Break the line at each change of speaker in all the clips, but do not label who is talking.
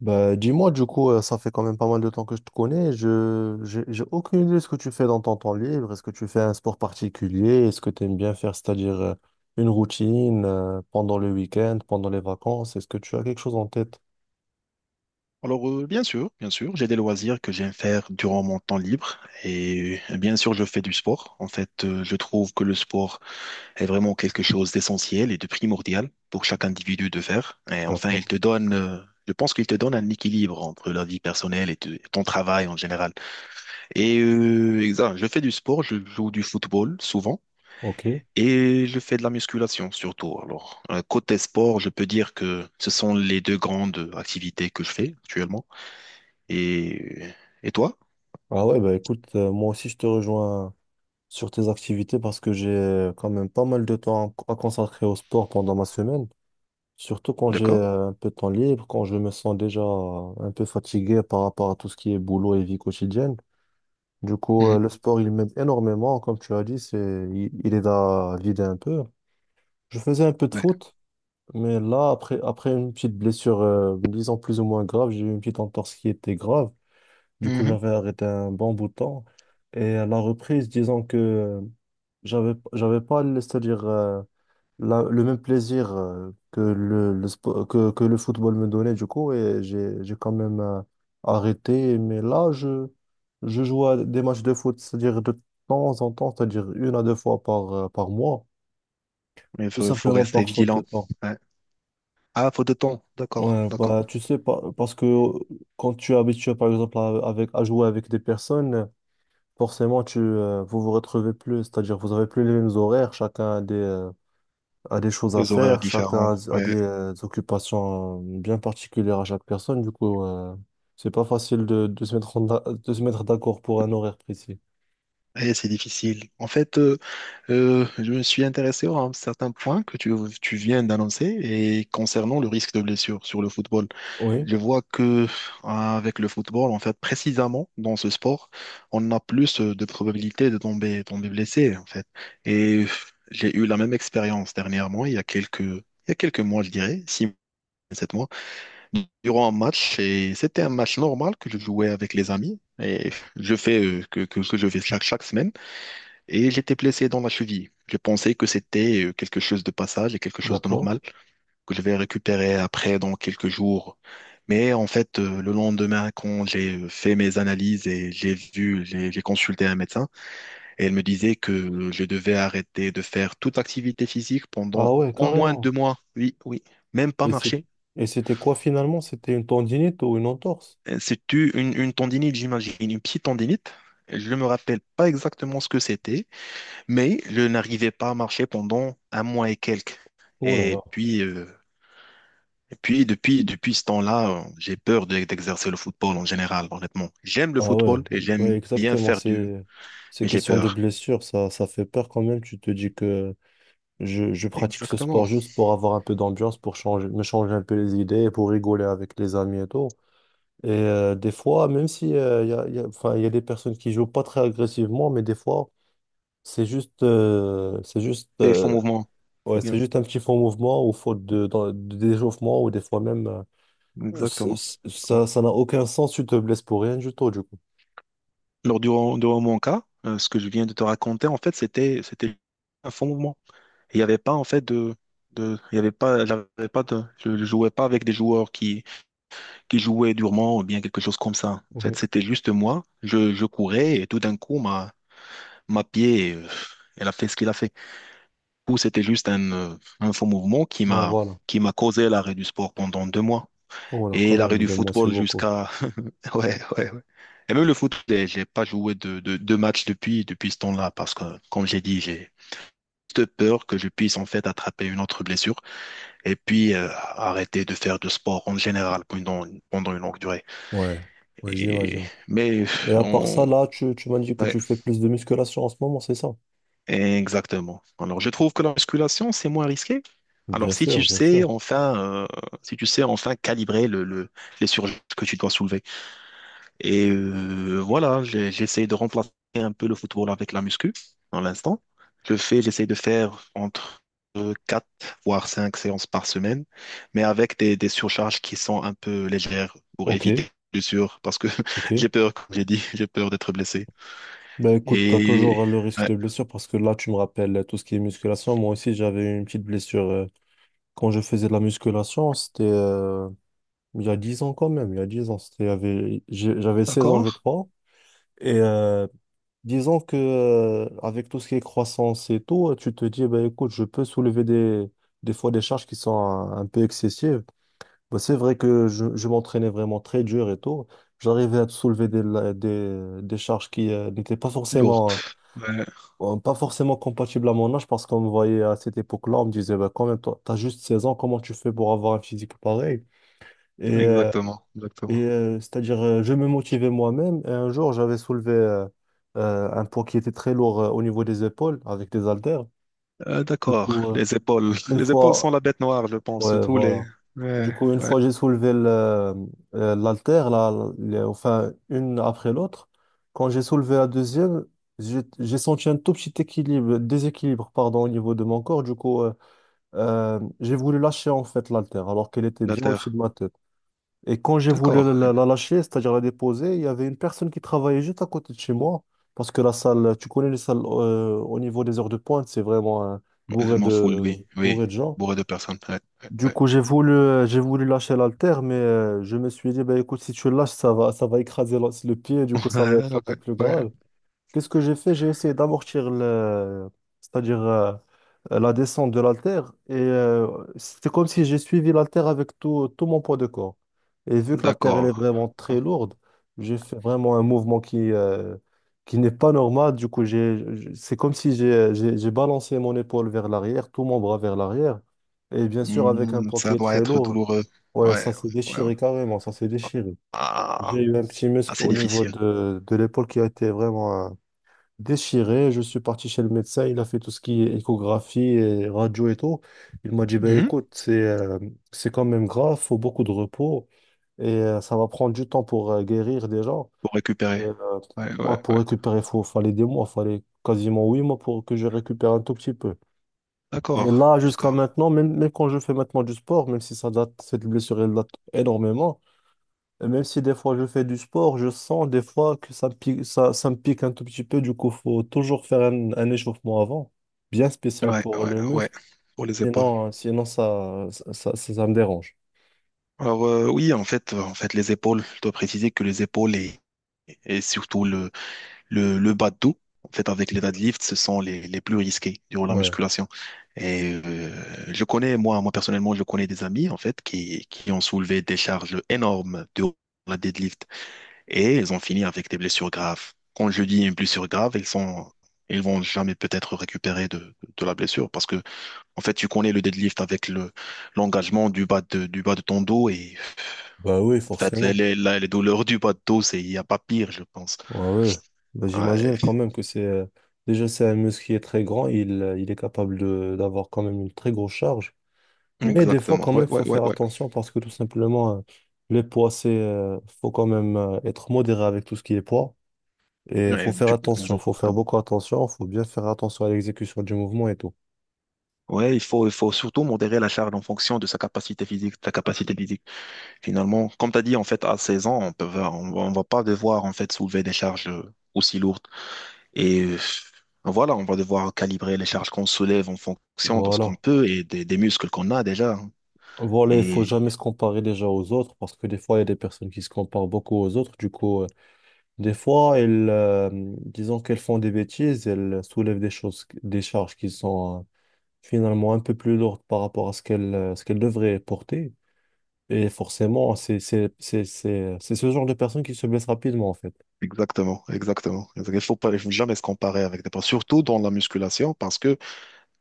Bah, dis-moi, du coup, ça fait quand même pas mal de temps que je te connais. J'ai aucune idée de ce que tu fais dans ton temps libre. Est-ce que tu fais un sport particulier? Est-ce que tu aimes bien faire, c'est-à-dire une routine pendant le week-end, pendant les vacances? Est-ce que tu as quelque chose en tête?
Alors, bien sûr, j'ai des loisirs que j'aime faire durant mon temps libre et bien sûr, je fais du sport. En fait, je trouve que le sport est vraiment quelque chose d'essentiel et de primordial pour chaque individu de faire. Et enfin, il
D'accord,
te donne, je pense qu'il te donne un équilibre entre la vie personnelle et ton travail en général. Et exact, je fais du sport, je joue du football souvent.
ok.
Et je fais de la musculation surtout. Alors, côté sport, je peux dire que ce sont les deux grandes activités que je fais actuellement. Et, et toi?
Ah ouais, bah écoute, moi aussi, je te rejoins sur tes activités parce que j'ai quand même pas mal de temps à consacrer au sport pendant ma semaine. Surtout quand j'ai
D'accord?
un peu de temps libre, quand je me sens déjà un peu fatigué par rapport à tout ce qui est boulot et vie quotidienne. Du coup,
Mhm.
le sport, il m'aide énormément. Comme tu as dit, c'est, il aide à vider un peu. Je faisais un peu de
Ouais.
foot, mais là, après une petite blessure, disons plus ou moins grave, j'ai eu une petite entorse qui était grave. Du coup,
Mhm.
j'avais arrêté un bon bout de temps. Et à la reprise, disons que j'avais pas, laissé dire le même plaisir que que le football me donnait du coup, et j'ai quand même arrêté. Mais là, je joue à des matchs de foot, c'est-à-dire de temps en temps, c'est-à-dire une à deux fois par par mois,
Il
tout
faut, faut
simplement
rester
par faute de
vigilant.
temps.
Ouais. Ah, faut de temps. D'accord,
Ouais,
d'accord.
bah tu sais pas parce que quand tu es habitué par exemple à, avec à jouer avec des personnes, forcément tu vous vous retrouvez plus, c'est-à-dire vous avez plus les mêmes horaires. Chacun a des choses à
Des horaires
faire, chacun a,
différents.
a
Ouais.
des occupations bien particulières à chaque personne. Du coup, c'est pas facile de se mettre de se mettre d'accord pour un horaire précis.
Et c'est difficile. En fait, je me suis intéressé à un certain point que tu viens d'annoncer et concernant le risque de blessure sur le football.
Oui,
Je vois que avec le football, en fait, précisément dans ce sport, on a plus de probabilités de tomber blessé, en fait. Et j'ai eu la même expérience dernièrement, il y a quelques mois, je dirais, 6, 7 mois, durant un match. Et c'était un match normal que je jouais avec les amis. Et je fais que je fais chaque semaine. Et j'étais blessé dans la cheville. Je pensais que c'était quelque chose de passage et quelque chose de
d'accord.
normal que je vais récupérer après dans quelques jours. Mais en fait, le lendemain, quand j'ai fait mes analyses et j'ai vu, j'ai consulté un médecin, et elle me disait que je devais arrêter de faire toute activité physique pendant
Ah ouais,
au moins
carrément.
2 mois. Oui, oui, même pas
Et c'est-
marcher.
et c'était quoi finalement? C'était une tendinite ou une entorse?
C'est-tu une, une tendinite, j'imagine, une petite tendinite? Je ne me rappelle pas exactement ce que c'était, mais je n'arrivais pas à marcher pendant un mois et quelques.
Oh là
Et
là.
puis, euh, Et puis, depuis ce temps-là, j'ai peur d'exercer le football en général, honnêtement. J'aime le
Ah
football
ouais,
et
ouais,
j'aime bien
exactement.
faire du,
C'est ces
mais j'ai
questions de
peur.
blessure, ça fait peur quand même. Tu te dis que je pratique ce
Exactement.
sport juste pour avoir un peu d'ambiance, pour changer, me changer un peu les idées, pour rigoler avec les amis et tout. Et des fois, même si enfin, y a des personnes qui jouent pas très agressivement, mais des fois, c'est juste, euh, c'est juste,
C'est faux
euh,
mouvement. Ou
ouais,
bien,
c'est juste un petit faux mouvement ou faute de, de d'échauffement, ou des fois même,
exactement. Bon.
ça, ça n'a aucun sens, tu te blesses pour rien du tout, du coup.
Alors, durant mon cas, ce que je viens de te raconter, en fait, c'était un faux mouvement. Il n'y avait pas, en fait, il y avait pas, j'avais pas de, je ne jouais pas avec des joueurs qui jouaient durement ou bien quelque chose comme ça. En fait,
Oui.
c'était juste moi. Je courais et tout d'un coup, ma pied, elle a fait ce qu'il a fait. Coup, c'était juste un faux mouvement qui
Ouais,
m'a
voilà.
qui m'a causé l'arrêt du sport pendant 2 mois
Voilà,
et
quand
l'arrêt
même,
du
deux mois, c'est
football
beaucoup.
jusqu'à ouais, ouais ouais et même le foot j'ai pas joué de match depuis ce temps-là, parce que comme j'ai dit j'ai juste peur que je puisse en fait attraper une autre blessure et puis arrêter de faire de sport en général pendant une longue durée
Ouais, ouais,
et
j'imagine.
mais
Mais à part
on,
ça, là, tu m'as dit que
ouais.
tu fais plus de musculation en ce moment, c'est ça?
Exactement. Alors, je trouve que la musculation, c'est moins risqué. Alors,
Bien
si tu
sûr, bien
sais
sûr.
enfin, si tu sais enfin calibrer le, les surcharges que tu dois soulever. Et voilà, j'essaie de remplacer un peu le football avec la muscu, dans l'instant. J'essaie de faire entre 4 voire 5 séances par semaine, mais avec des surcharges qui sont un peu légères pour
Ok,
éviter, bien sûr, parce que
ok.
j'ai peur, comme j'ai dit, j'ai peur d'être blessé.
Ben écoute, t'as
Et
toujours le risque
ouais,
de blessure parce que là, tu me rappelles tout ce qui est musculation. Moi aussi, j'avais une petite blessure quand je faisais de la musculation. C'était il y a 10 ans quand même. Il y a 10 ans, c'était, il y avait- j'ai- j'avais seize ans,
d'accord.
je crois. Et disons que avec tout ce qui est croissance et tout, tu te dis, ben écoute, je peux soulever des fois des charges qui sont un peu excessives. Ben, c'est vrai que je m'entraînais vraiment très dur et tout. J'arrivais à soulever des charges qui n'étaient pas forcément.
Lourde. Ouais,
Bon, pas forcément compatible à mon âge, parce qu'on me voyait à cette époque-là, on me disait, bah, quand même, toi, t'as juste 16 ans, comment tu fais pour avoir un physique pareil? Et, euh,
exactement, exactement.
je me motivais moi-même. Et un jour, j'avais soulevé un poids qui était très lourd au niveau des épaules avec des haltères. Du
D'accord.
coup,
Les épaules.
une
Les épaules
fois,
sont la bête noire, je pense, de
Ouais,
tous les.
voilà. Du
Ouais,
coup, une
ouais.
fois j'ai soulevé l'haltère, là, enfin, une après l'autre, quand j'ai soulevé la deuxième, j'ai senti un tout petit équilibre, déséquilibre, pardon, au niveau de mon corps. Du coup, j'ai voulu lâcher en fait l'haltère, alors qu'elle était bien au-dessus
L'alter.
de ma tête. Et quand j'ai voulu
D'accord.
la lâcher, c'est-à-dire la déposer, il y avait une personne qui travaillait juste à côté de chez moi, parce que la salle, tu connais les salles au niveau des heures de pointe, c'est vraiment
Je
bourré
m'en fous,
de,
oui. Oui.
bourré de gens.
Bourré de personnes. Ouais, ouais,
Du
ouais.
coup, j'ai voulu lâcher l'haltère, mais je me suis dit, bah, écoute, si tu lâches, ça va écraser le pied, du coup, ça va
Ouais,
être un peu
ouais,
plus
ouais.
grave. Qu'est-ce que j'ai fait? J'ai essayé d'amortir le, c'est-à-dire la descente de l'haltère, et c'était comme si j'ai suivi l'haltère avec tout mon poids de corps. Et vu que l'haltère elle est
D'accord.
vraiment très
D'accord.
lourde, j'ai fait vraiment un mouvement qui n'est pas normal. Du coup, c'est comme si j'ai balancé mon épaule vers l'arrière, tout mon bras vers l'arrière, et bien sûr avec un
Hmm,
poids qui
ça
est
doit
très
être
lourd.
douloureux.
Ouais, ça
Ouais,
s'est
ouais, ouais.
déchiré carrément, ça s'est déchiré. J'ai
Ah,
eu un petit muscle
assez
au niveau
difficile.
de l'épaule qui a été vraiment déchiré. Je suis parti chez le médecin. Il a fait tout ce qui est échographie et radio et tout. Il m'a dit, ben
Mhm.
écoute, c'est quand même grave, faut beaucoup de repos et ça va prendre du temps pour guérir déjà.
Pour
Et,
récupérer.
euh,
Ouais, ouais,
Moi, pour
ouais.
récupérer, fallait des mois, fallait quasiment huit mois pour que je récupère un tout petit peu. Et
D'accord,
là, jusqu'à
d'accord.
maintenant, même quand je fais maintenant du sport, même si ça date, cette blessure, elle date énormément. Même si des fois je fais du sport, je sens des fois que ça me pique, ça me pique un tout petit peu. Du coup, faut toujours faire un échauffement avant, bien spécial
Ouais,
pour
ouais,
le
ouais.
muscle.
Pour les épaules.
Sinon, sinon ça me dérange.
Alors oui, en fait, les épaules, je dois préciser que les épaules et surtout le bas de dos, en fait, avec les deadlifts, ce sont les plus risqués durant la
Ouais.
musculation. Et je connais, moi, moi personnellement, je connais des amis, en fait, qui ont soulevé des charges énormes durant la deadlift et ils ont fini avec des blessures graves. Quand je dis une blessure grave, ils vont jamais peut-être récupérer de la blessure parce que, en fait, tu connais le deadlift avec le l'engagement du bas de ton dos et
Bah oui,
en fait, les,
forcément.
les douleurs du bas bateau, c'est, il n'y a pas pire, je pense.
Ouais, ouais. Bah, j'imagine
Ouais,
quand même que c'est. Déjà, c'est un muscle qui est très grand. Il est capable de, d'avoir quand même une très grosse charge. Mais des fois,
exactement.
quand
Ouais,
même,
ouais,
faut
ouais,
faire
ouais.
attention parce que tout simplement, les poids, c'est. Faut quand même être modéré avec tout ce qui est poids. Et faut
Ouais,
faire attention, faut faire
exactement.
beaucoup attention, faut bien faire attention à l'exécution du mouvement et tout.
Ouais, il faut surtout modérer la charge en fonction de sa capacité physique, de la capacité physique. Finalement, comme tu as dit, en fait, à 16 ans, on peut, on va pas devoir, en fait, soulever des charges aussi lourdes. Et voilà, on va devoir calibrer les charges qu'on soulève en fonction de ce qu'on
Voilà.
peut et des muscles qu'on a déjà, hein.
Voilà, il
Et
faut jamais se comparer déjà aux autres, parce que des fois, il y a des personnes qui se comparent beaucoup aux autres. Du coup, des fois, elles, euh, disons qu'elles font des bêtises, elles soulèvent des choses, des charges qui sont finalement un peu plus lourdes par rapport à ce qu'elles devraient porter. Et forcément, c'est ce genre de personne qui se blesse rapidement, en fait.
Exactement, Il faut pas, il faut jamais se comparer avec des personnes, surtout dans la musculation, parce que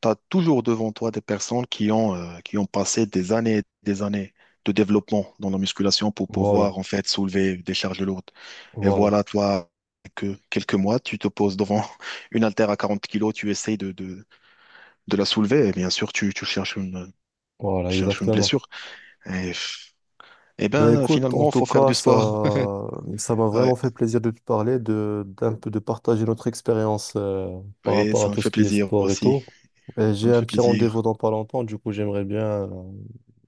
tu as toujours devant toi des personnes qui ont passé des années, et des années de développement dans la musculation pour
Voilà,
pouvoir en fait soulever des charges lourdes. Et
voilà,
voilà, toi, que quelques mois, tu te poses devant une haltère à 40 kilos, tu essayes de la soulever, et bien sûr, tu cherches une,
voilà,
tu cherches une
exactement.
blessure. Et, et
Ben
ben,
écoute, en
finalement,
tout
faut faire
cas,
du sport.
ça m'a
Ouais,
vraiment fait plaisir de te parler, de, d'un peu de partager notre expérience par
ouais,
rapport à
ça me
tout ce
fait
qui est
plaisir
sport et
aussi.
tout. Et
Ça
j'ai
me
un
fait
petit rendez-vous
plaisir.
dans pas longtemps, du coup, j'aimerais bien euh,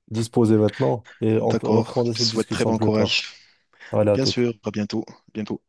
disposer maintenant, et on peut
D'accord.
reprendre
Je te
cette
souhaite très
discussion
bon
plus tard.
courage.
Allez, à
Bien
toute.
sûr, à bientôt. Bientôt.